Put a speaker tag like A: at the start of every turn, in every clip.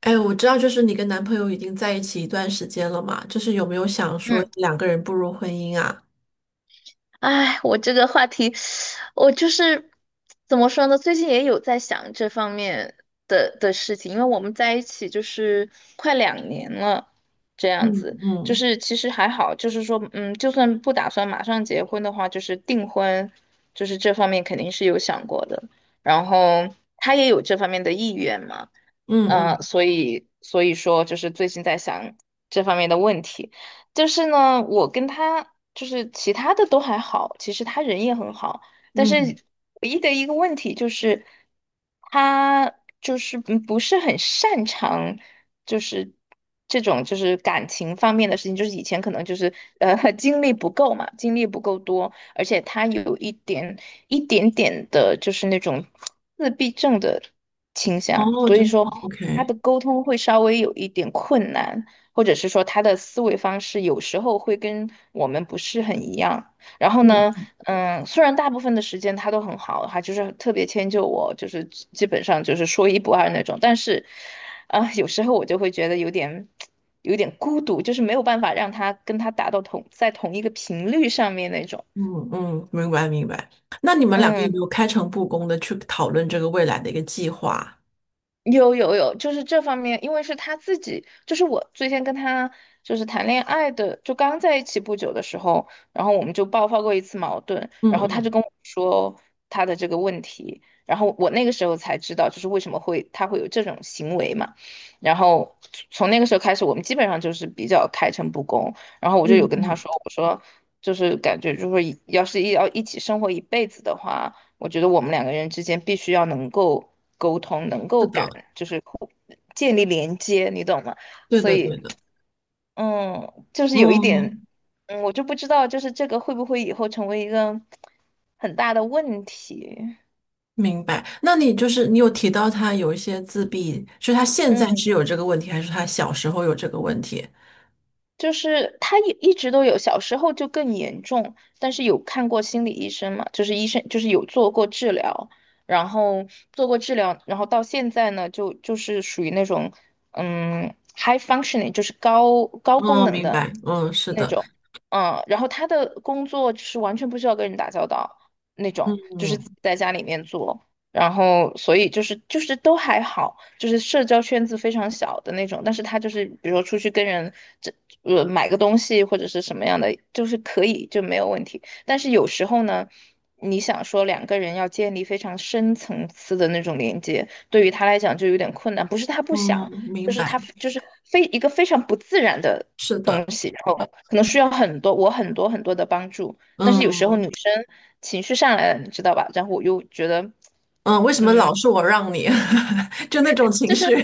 A: 哎，我知道，就是你跟男朋友已经在一起一段时间了嘛，就是有没有想说
B: 嗯，
A: 两个人步入婚姻啊？
B: 哎，我这个话题，我就是怎么说呢？最近也有在想这方面的事情，因为我们在一起就是快2年了，这样
A: 嗯
B: 子，就
A: 嗯
B: 是其实还好，就是说，就算不打算马上结婚的话，就是订婚，就是这方面肯定是有想过的。然后他也有这方面的意愿嘛，
A: 嗯嗯
B: 所以说就是最近在想这方面的问题，就是呢，我跟他就是其他的都还好，其实他人也很好，但是
A: 嗯，
B: 唯一的一个问题就是他就是不是很擅长就是这种就是感情方面的事情，就是以前可能就是经历不够嘛，经历不够多，而且他有一点点的就是那种自闭症的倾向，
A: 哦，
B: 所以
A: 真
B: 说。
A: 的
B: 他的
A: ，OK，
B: 沟通会稍微有一点困难，或者是说他的思维方式有时候会跟我们不是很一样。然后呢，
A: 嗯
B: 虽然大部分的时间他都很好，他就是特别迁就我，就是基本上就是说一不二那种。但是，啊、有时候我就会觉得有点孤独，就是没有办法让他跟他达到同在同一个频率上面那种。
A: 嗯嗯，明白明白。那你们两个有没
B: 嗯。
A: 有开诚布公的去讨论这个未来的一个计划？
B: 有有有，就是这方面，因为是他自己，就是我最先跟他就是谈恋爱的，就刚在一起不久的时候，然后我们就爆发过一次矛盾，
A: 嗯
B: 然后他就
A: 嗯
B: 跟我说他的这个问题，然后我那个时候才知道，就是为什么他会有这种行为嘛，然后从那个时候开始，我们基本上就是比较开诚布公，然后我就有
A: 嗯
B: 跟他
A: 嗯，
B: 说，我说就是感觉就是要是要一起生活一辈子的话。我觉得我们两个人之间必须要能够沟通，能
A: 是
B: 够感，
A: 的，
B: 就是互建立连接，你懂吗？
A: 对
B: 所
A: 的对
B: 以，
A: 的，
B: 就是有一点，
A: 嗯，
B: 我就不知道，就是这个会不会以后成为一个很大的问题？
A: 明白。那你就是你有提到他有一些自闭，是他现在是
B: 嗯
A: 有这个问题，还是他小时候有这个问题？
B: 就是他也一直都有，小时候就更严重，但是有看过心理医生嘛，就是医生就是有做过治疗，然后做过治疗，然后到现在呢，就是属于那种high functioning，就是高功
A: 哦，
B: 能
A: 明
B: 的
A: 白，嗯，是
B: 那
A: 的。
B: 种，然后他的工作就是完全不需要跟人打交道那种，就是自己
A: 嗯
B: 在家里面做。然后所以就是都还好，就是社交圈子非常小的那种，但是他就是比如说出去跟人这买个东西或者是什么样的，就是可以就没有问题。但是有时候呢，你想说两个人要建立非常深层次的那种连接，对于他来讲就有点困难，不是他不
A: 嗯，
B: 想，就
A: 明
B: 是
A: 白，
B: 他就是非一个非常不自然的。
A: 是的，
B: 东西，然后可能需要我很多很多的帮助，但是有时候女
A: 嗯
B: 生情绪上来了，你知道吧？然后我又觉得
A: 嗯，为什么
B: 嗯，
A: 老是我让你？就那种情
B: 就是
A: 绪，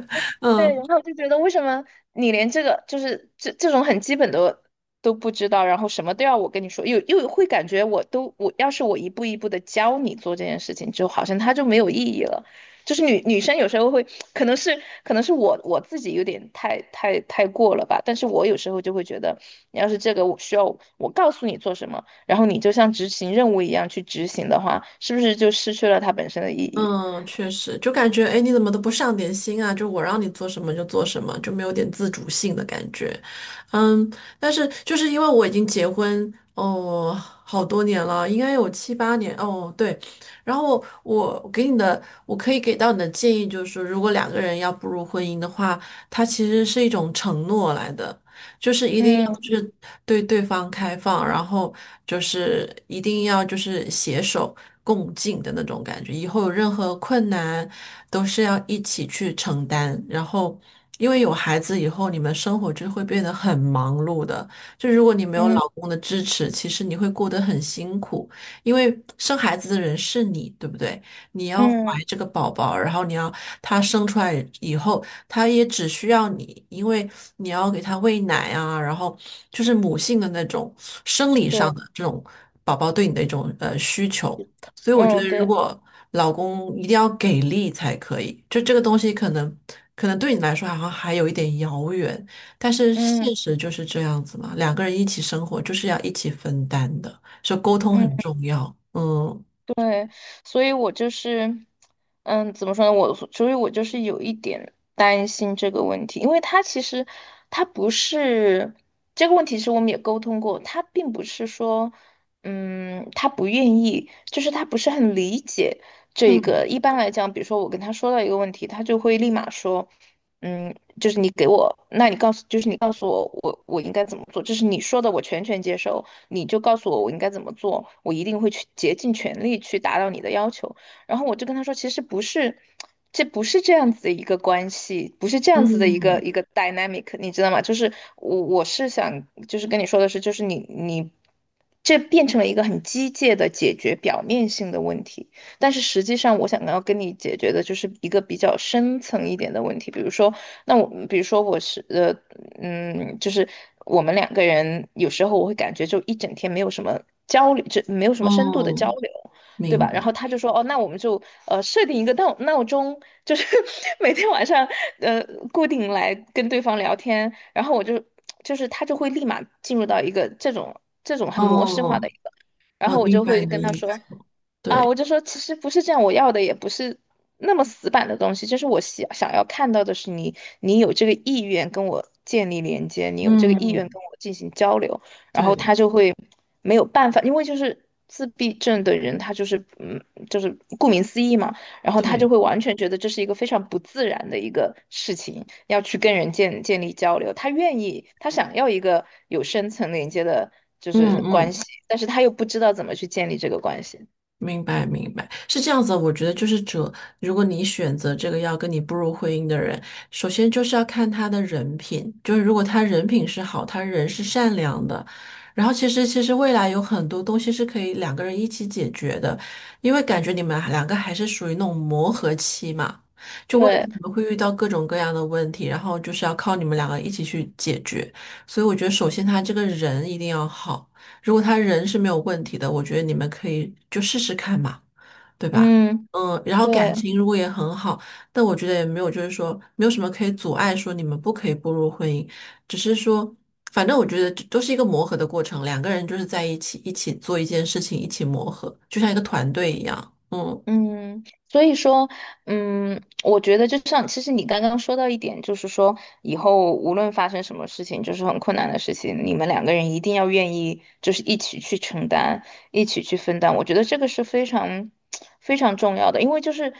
A: 嗯
B: 对，然后就觉得为什么你连这个就是这种很基本的都不知道，然后什么都要我跟你说，又会感觉我都我要是一步一步的教你做这件事情，就好像它就没有意义了。就是女生有时候会，可能是我自己有点太过了吧，但是我有时候就会觉得，你要是这个我需要我告诉你做什么，然后你就像执行任务一样去执行的话，是不是就失去了它本身的意义？
A: 嗯，确实，就感觉哎，诶你怎么都不上点心啊？就我让你做什么就做什么，就没有点自主性的感觉。嗯，但是就是因为我已经结婚哦，好多年了，应该有七八年哦，对。然后我给你的，我可以给到你的建议就是说，如果两个人要步入婚姻的话，它其实是一种承诺来的。就是一定要去
B: 嗯
A: 对对方开放，然后就是一定要就是携手共进的那种感觉。以后有任何困难，都是要一起去承担。然后，因为有孩子以后，你们生活就会变得很忙碌的。就如果你没有
B: 嗯
A: 老公的支持，其实你会过得很辛苦，因为生孩子的人是你，对不对？你要怀
B: 嗯，
A: 这个宝宝，然后你要他生出来以后，他也只需要你，因为你要给他喂奶啊，然后就是母性的那种生理上
B: 对。
A: 的这种宝宝对你的一种需求。所以我觉得，
B: 嗯，
A: 如
B: 对，
A: 果老公一定要给力才可以，就这个东西可能对你来说好像还有一点遥远，但是
B: 嗯
A: 现实就是这样子嘛，两个人一起生活就是要一起分担的，所以沟通
B: 嗯，
A: 很重要。嗯
B: 对，所以我就是，怎么说呢？所以，我就是有一点担心这个问题，因为他其实他不是这个问题，是我们也沟通过，他并不是说，他不愿意，就是他不是很理解这一
A: 嗯
B: 个。一般来讲，比如说我跟他说到一个问题，他就会立马说，嗯，就是你给我，那你告诉，就是你告诉我，我应该怎么做，就是你说的，我全权接受。你就告诉我我应该怎么做，我一定会去竭尽全力去达到你的要求。然后我就跟他说，其实不是，这不是这样子的一个关系，不是这样子的一个
A: 嗯
B: dynamic，你知道吗？就是我是想，就是跟你说的是，就是你这变成了一个很机械的解决表面性的问题，但是实际上我想要跟你解决的就是一个比较深层一点的问题，比如说，那我比如说我是。就是我们两个人有时候我会感觉就一整天没有什么交流，就没有什么深度的交
A: 嗯，
B: 流，对
A: 明
B: 吧？然后
A: 白。
B: 他就说，哦，那我们就设定一个闹钟，就是 每天晚上呃固定来跟对方聊天，然后就是他就会立马进入到一个这种很模式化的
A: 哦，
B: 一个，然
A: 我
B: 后我
A: 明
B: 就
A: 白
B: 会
A: 你的
B: 跟他
A: 意
B: 说，
A: 思。
B: 啊，
A: 对，
B: 我就说其实不是这样，我要的也不是那么死板的东西，就是我想要看到的是你，你有这个意愿跟我建立连接，你有这个意愿
A: 嗯，
B: 跟我进行交流，然后他
A: 对，
B: 就会没有办法，因为就是自闭症的人，他就是就是顾名思义嘛，然后他就
A: 对，
B: 会完全觉得这是一个非常不自然的一个事情，要去跟人建立交流，他愿意，他想要一个有深层连接的，就
A: 嗯
B: 是关
A: 嗯。
B: 系，但是他又不知道怎么去建立这个关系。
A: 明白，明白，是这样子的我觉得就是这，如果你选择这个要跟你步入婚姻的人，首先就是要看他的人品，就是如果他人品是好，他人是善良的，然后其实未来有很多东西是可以两个人一起解决的，因为感觉你们两个还是属于那种磨合期嘛，就未来
B: 对，
A: 你们会遇到各种各样的问题，然后就是要靠你们两个一起去解决。所以我觉得，首先他这个人一定要好。如果他人是没有问题的，我觉得你们可以就试试看嘛，对吧？
B: 嗯，
A: 嗯，然后感
B: 对，
A: 情如果也很好，但我觉得也没有，就是说没有什么可以阻碍说你们不可以步入婚姻，只是说，反正我觉得这都是一个磨合的过程，两个人就是在一起一起做一件事情，一起磨合，就像一个团队一样。嗯
B: 嗯，所以说，我觉得就像，其实你刚刚说到一点，就是说以后无论发生什么事情，就是很困难的事情，你们两个人一定要愿意，就是一起去承担，一起去分担。我觉得这个是非常 非常重要的，因为就是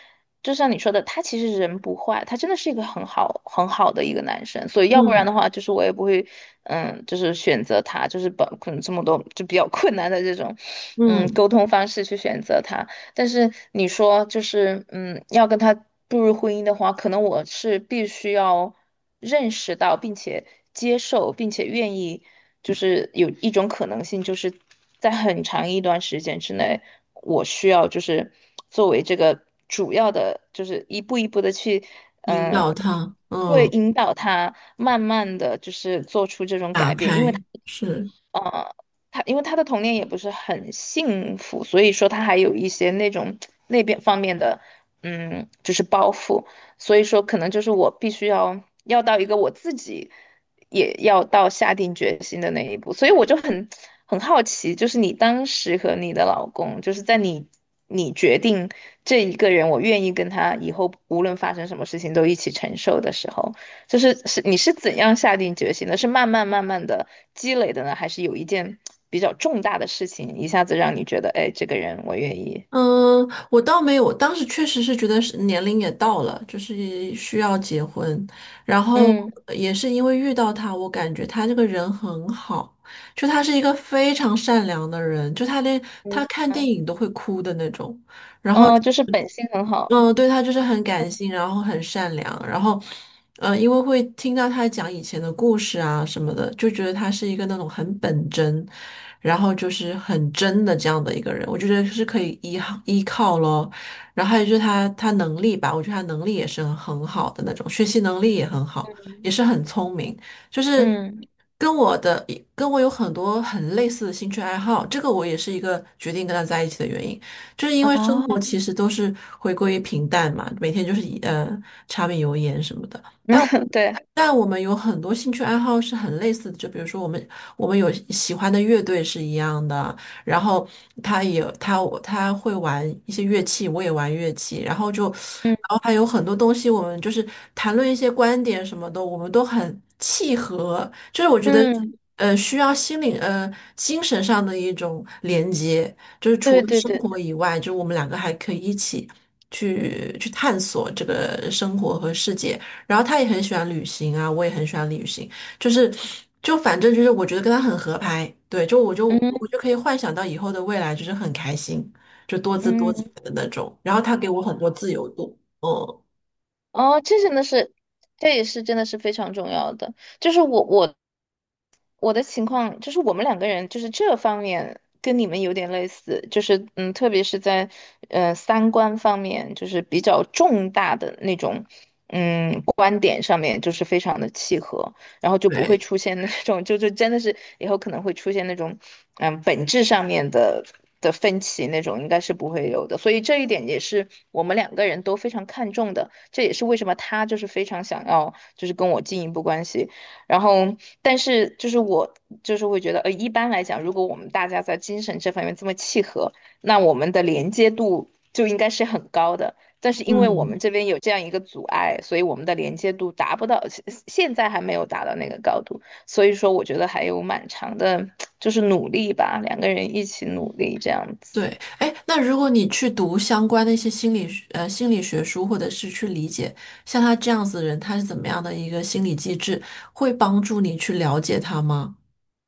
B: 就像你说的，他其实人不坏，他真的是一个很好很好的一个男生，所以要不然
A: 嗯
B: 的话，就是我也不会，就是选择他，就是把可能这么多就比较困难的这种，
A: 嗯，
B: 沟通方式去选择他。但是你说就是，要跟他步入婚姻的话，可能我是必须要认识到，并且接受，并且愿意，就是有一种可能性，就是在很长一段时间之内，我需要就是作为这个主要的，就是一步一步的去，
A: 引导
B: 嗯，
A: 他，
B: 会
A: 嗯，
B: 引导他慢慢的就是做出这种
A: 打
B: 改变，因为他。
A: 开，是。
B: 呃，他因为他的童年也不是很幸福，所以说他还有一些那种那边方面的，就是包袱，所以说可能就是我必须要到一个我自己也要到下定决心的那一步，所以我就很好奇，就是你当时和你的老公，就是在你决定这一个人，我愿意跟他以后无论发生什么事情都一起承受的时候。就是你是怎样下定决心的？是慢慢慢慢的积累的呢，还是有一件比较重大的事情一下子让你觉得，哎，这个人我愿意？
A: 嗯，我倒没有，当时确实是觉得是年龄也到了，就是需要结婚。然后
B: 嗯
A: 也是因为遇到他，我感觉他这个人很好，就他是一个非常善良的人，就他连他
B: 嗯
A: 看电
B: 嗯，
A: 影都会哭的那种。然后
B: 哦，就是本性很好。
A: 嗯，对，他就是很感性，然后很善良，然后，嗯，因为会听到他讲以前的故事啊什么的，就觉得他是一个那种很本真，然后就是很真的这样的一个人，我就觉得是可以依靠依靠咯。然后还有就是他能力吧，我觉得他能力也是很好的那种，学习能力也很好，也是很聪明，就是
B: 嗯
A: 跟我的跟我有很多很类似的兴趣爱好，这个我也是一个决定跟他在一起的原因。就是因为生活
B: 啊，
A: 其实都是回归于平淡嘛，每天就是以柴米油盐什么的。但我
B: 对，
A: 但我们有很多兴趣爱好是很类似的，就比如说我们有喜欢的乐队是一样的，然后他也会玩一些乐器，我也玩乐器，然后就
B: 嗯
A: 然后还有很多东西，我们就是谈论一些观点什么的，我们都很契合，就是我觉得。
B: 嗯，
A: 需要心灵精神上的一种连接，就是除
B: 对
A: 了
B: 对
A: 生
B: 对
A: 活
B: 对，
A: 以外，就是我们两个还可以一起去探索这个生活和世界。然后他也很喜欢旅行啊，我也很喜欢旅行，就是就反正就是我觉得跟他很合拍，对，就我就
B: 嗯
A: 我就可以幻想到以后的未来就是很开心，就多姿多彩
B: 嗯，
A: 的那种。然后他给我很多自由度，嗯，
B: 哦，这真的是，这也是真的是非常重要的。就是我我的情况就是我们两个人就是这方面跟你们有点类似，就是嗯，特别是在三观方面，就是比较重大的那种嗯观点上面，就是非常的契合，然后就不会
A: 对，
B: 出现那种就真的是以后可能会出现那种嗯本质上面的分歧那种，应该是不会有的。所以这一点也是我们两个人都非常看重的，这也是为什么他就是非常想要就是跟我进一步关系。然后，但是就是我就是会觉得，呃，一般来讲，如果我们大家在精神这方面这么契合，那我们的连接度就应该是很高的。但是因为我
A: 嗯。
B: 们这边有这样一个阻碍，所以我们的连接度达不到，现在还没有达到那个高度。所以说，我觉得还有蛮长的，就是努力吧，两个人一起努力这样子。
A: 对，哎，那如果你去读相关的一些心理学书，或者是去理解像他这样子的人，他是怎么样的一个心理机制，会帮助你去了解他吗？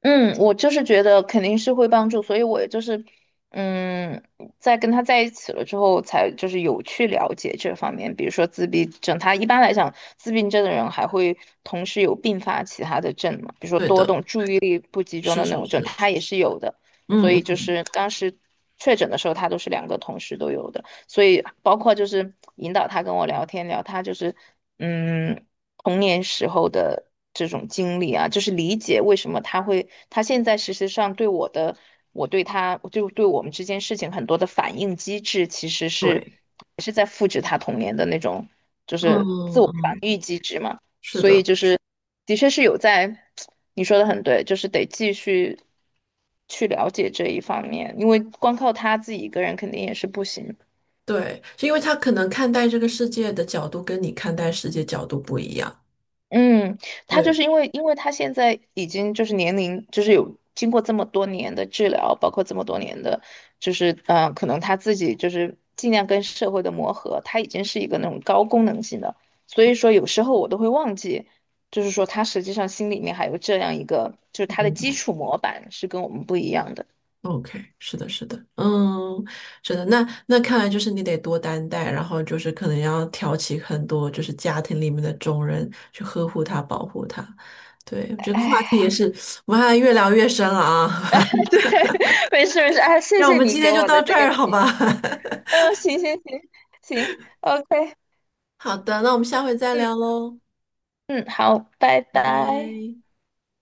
B: 嗯，我就是觉得肯定是会帮助，所以我也就是，嗯，在跟他在一起了之后，才就是有去了解这方面，比如说自闭症，他一般来讲，自闭症的人还会同时有并发其他的症嘛，比如说
A: 对
B: 多
A: 的，
B: 动、注意力不集中
A: 是
B: 的那
A: 是
B: 种症，
A: 是，
B: 他也是有的，所
A: 嗯
B: 以就
A: 嗯，
B: 是当时确诊的时候，他都是两个同时都有的，所以包括就是引导他跟我聊天，聊他就是。嗯，童年时候的这种经历啊，就是理解为什么他会，他现在事实上对我的，我对他，就对我们之间事情很多的反应机制，其实是
A: 对，
B: 也是在复制他童年的那种，就
A: 嗯
B: 是自
A: 嗯，
B: 我防
A: 嗯
B: 御机制嘛。
A: 是
B: 所以
A: 的，
B: 就是，的确是有在，你说的很对，就是得继续去了解这一方面，因为光靠他自己一个人肯定也是不行。
A: 对，是因为他可能看待这个世界的角度跟你看待世界角度不一样。
B: 嗯，他就
A: 对，
B: 是因为，因为他现在已经就是年龄，就是有经过这么多年的治疗，包括这么多年的，就是可能他自己就是尽量跟社会的磨合，他已经是一个那种高功能性的，所以说有时候我都会忘记，就是说他实际上心里面还有这样一个，就是他的
A: 明
B: 基
A: 白。
B: 础模板是跟我们不一样的。
A: OK，是的，是的，嗯，是的，那看来就是你得多担待，然后就是可能要挑起很多就是家庭里面的重任去呵护他、保护他。对，这个话题
B: 哎，
A: 我们还越聊越深了啊，
B: 对，没事没事，哎，谢
A: 那我
B: 谢
A: 们
B: 你
A: 今
B: 给
A: 天就
B: 我
A: 到
B: 的
A: 这
B: 这个
A: 儿，好
B: 建
A: 吧？
B: 议。嗯，行行行行，OK,
A: 好的，那我们下回再
B: 嗯，
A: 聊喽，
B: 好，拜
A: 拜
B: 拜。
A: 拜。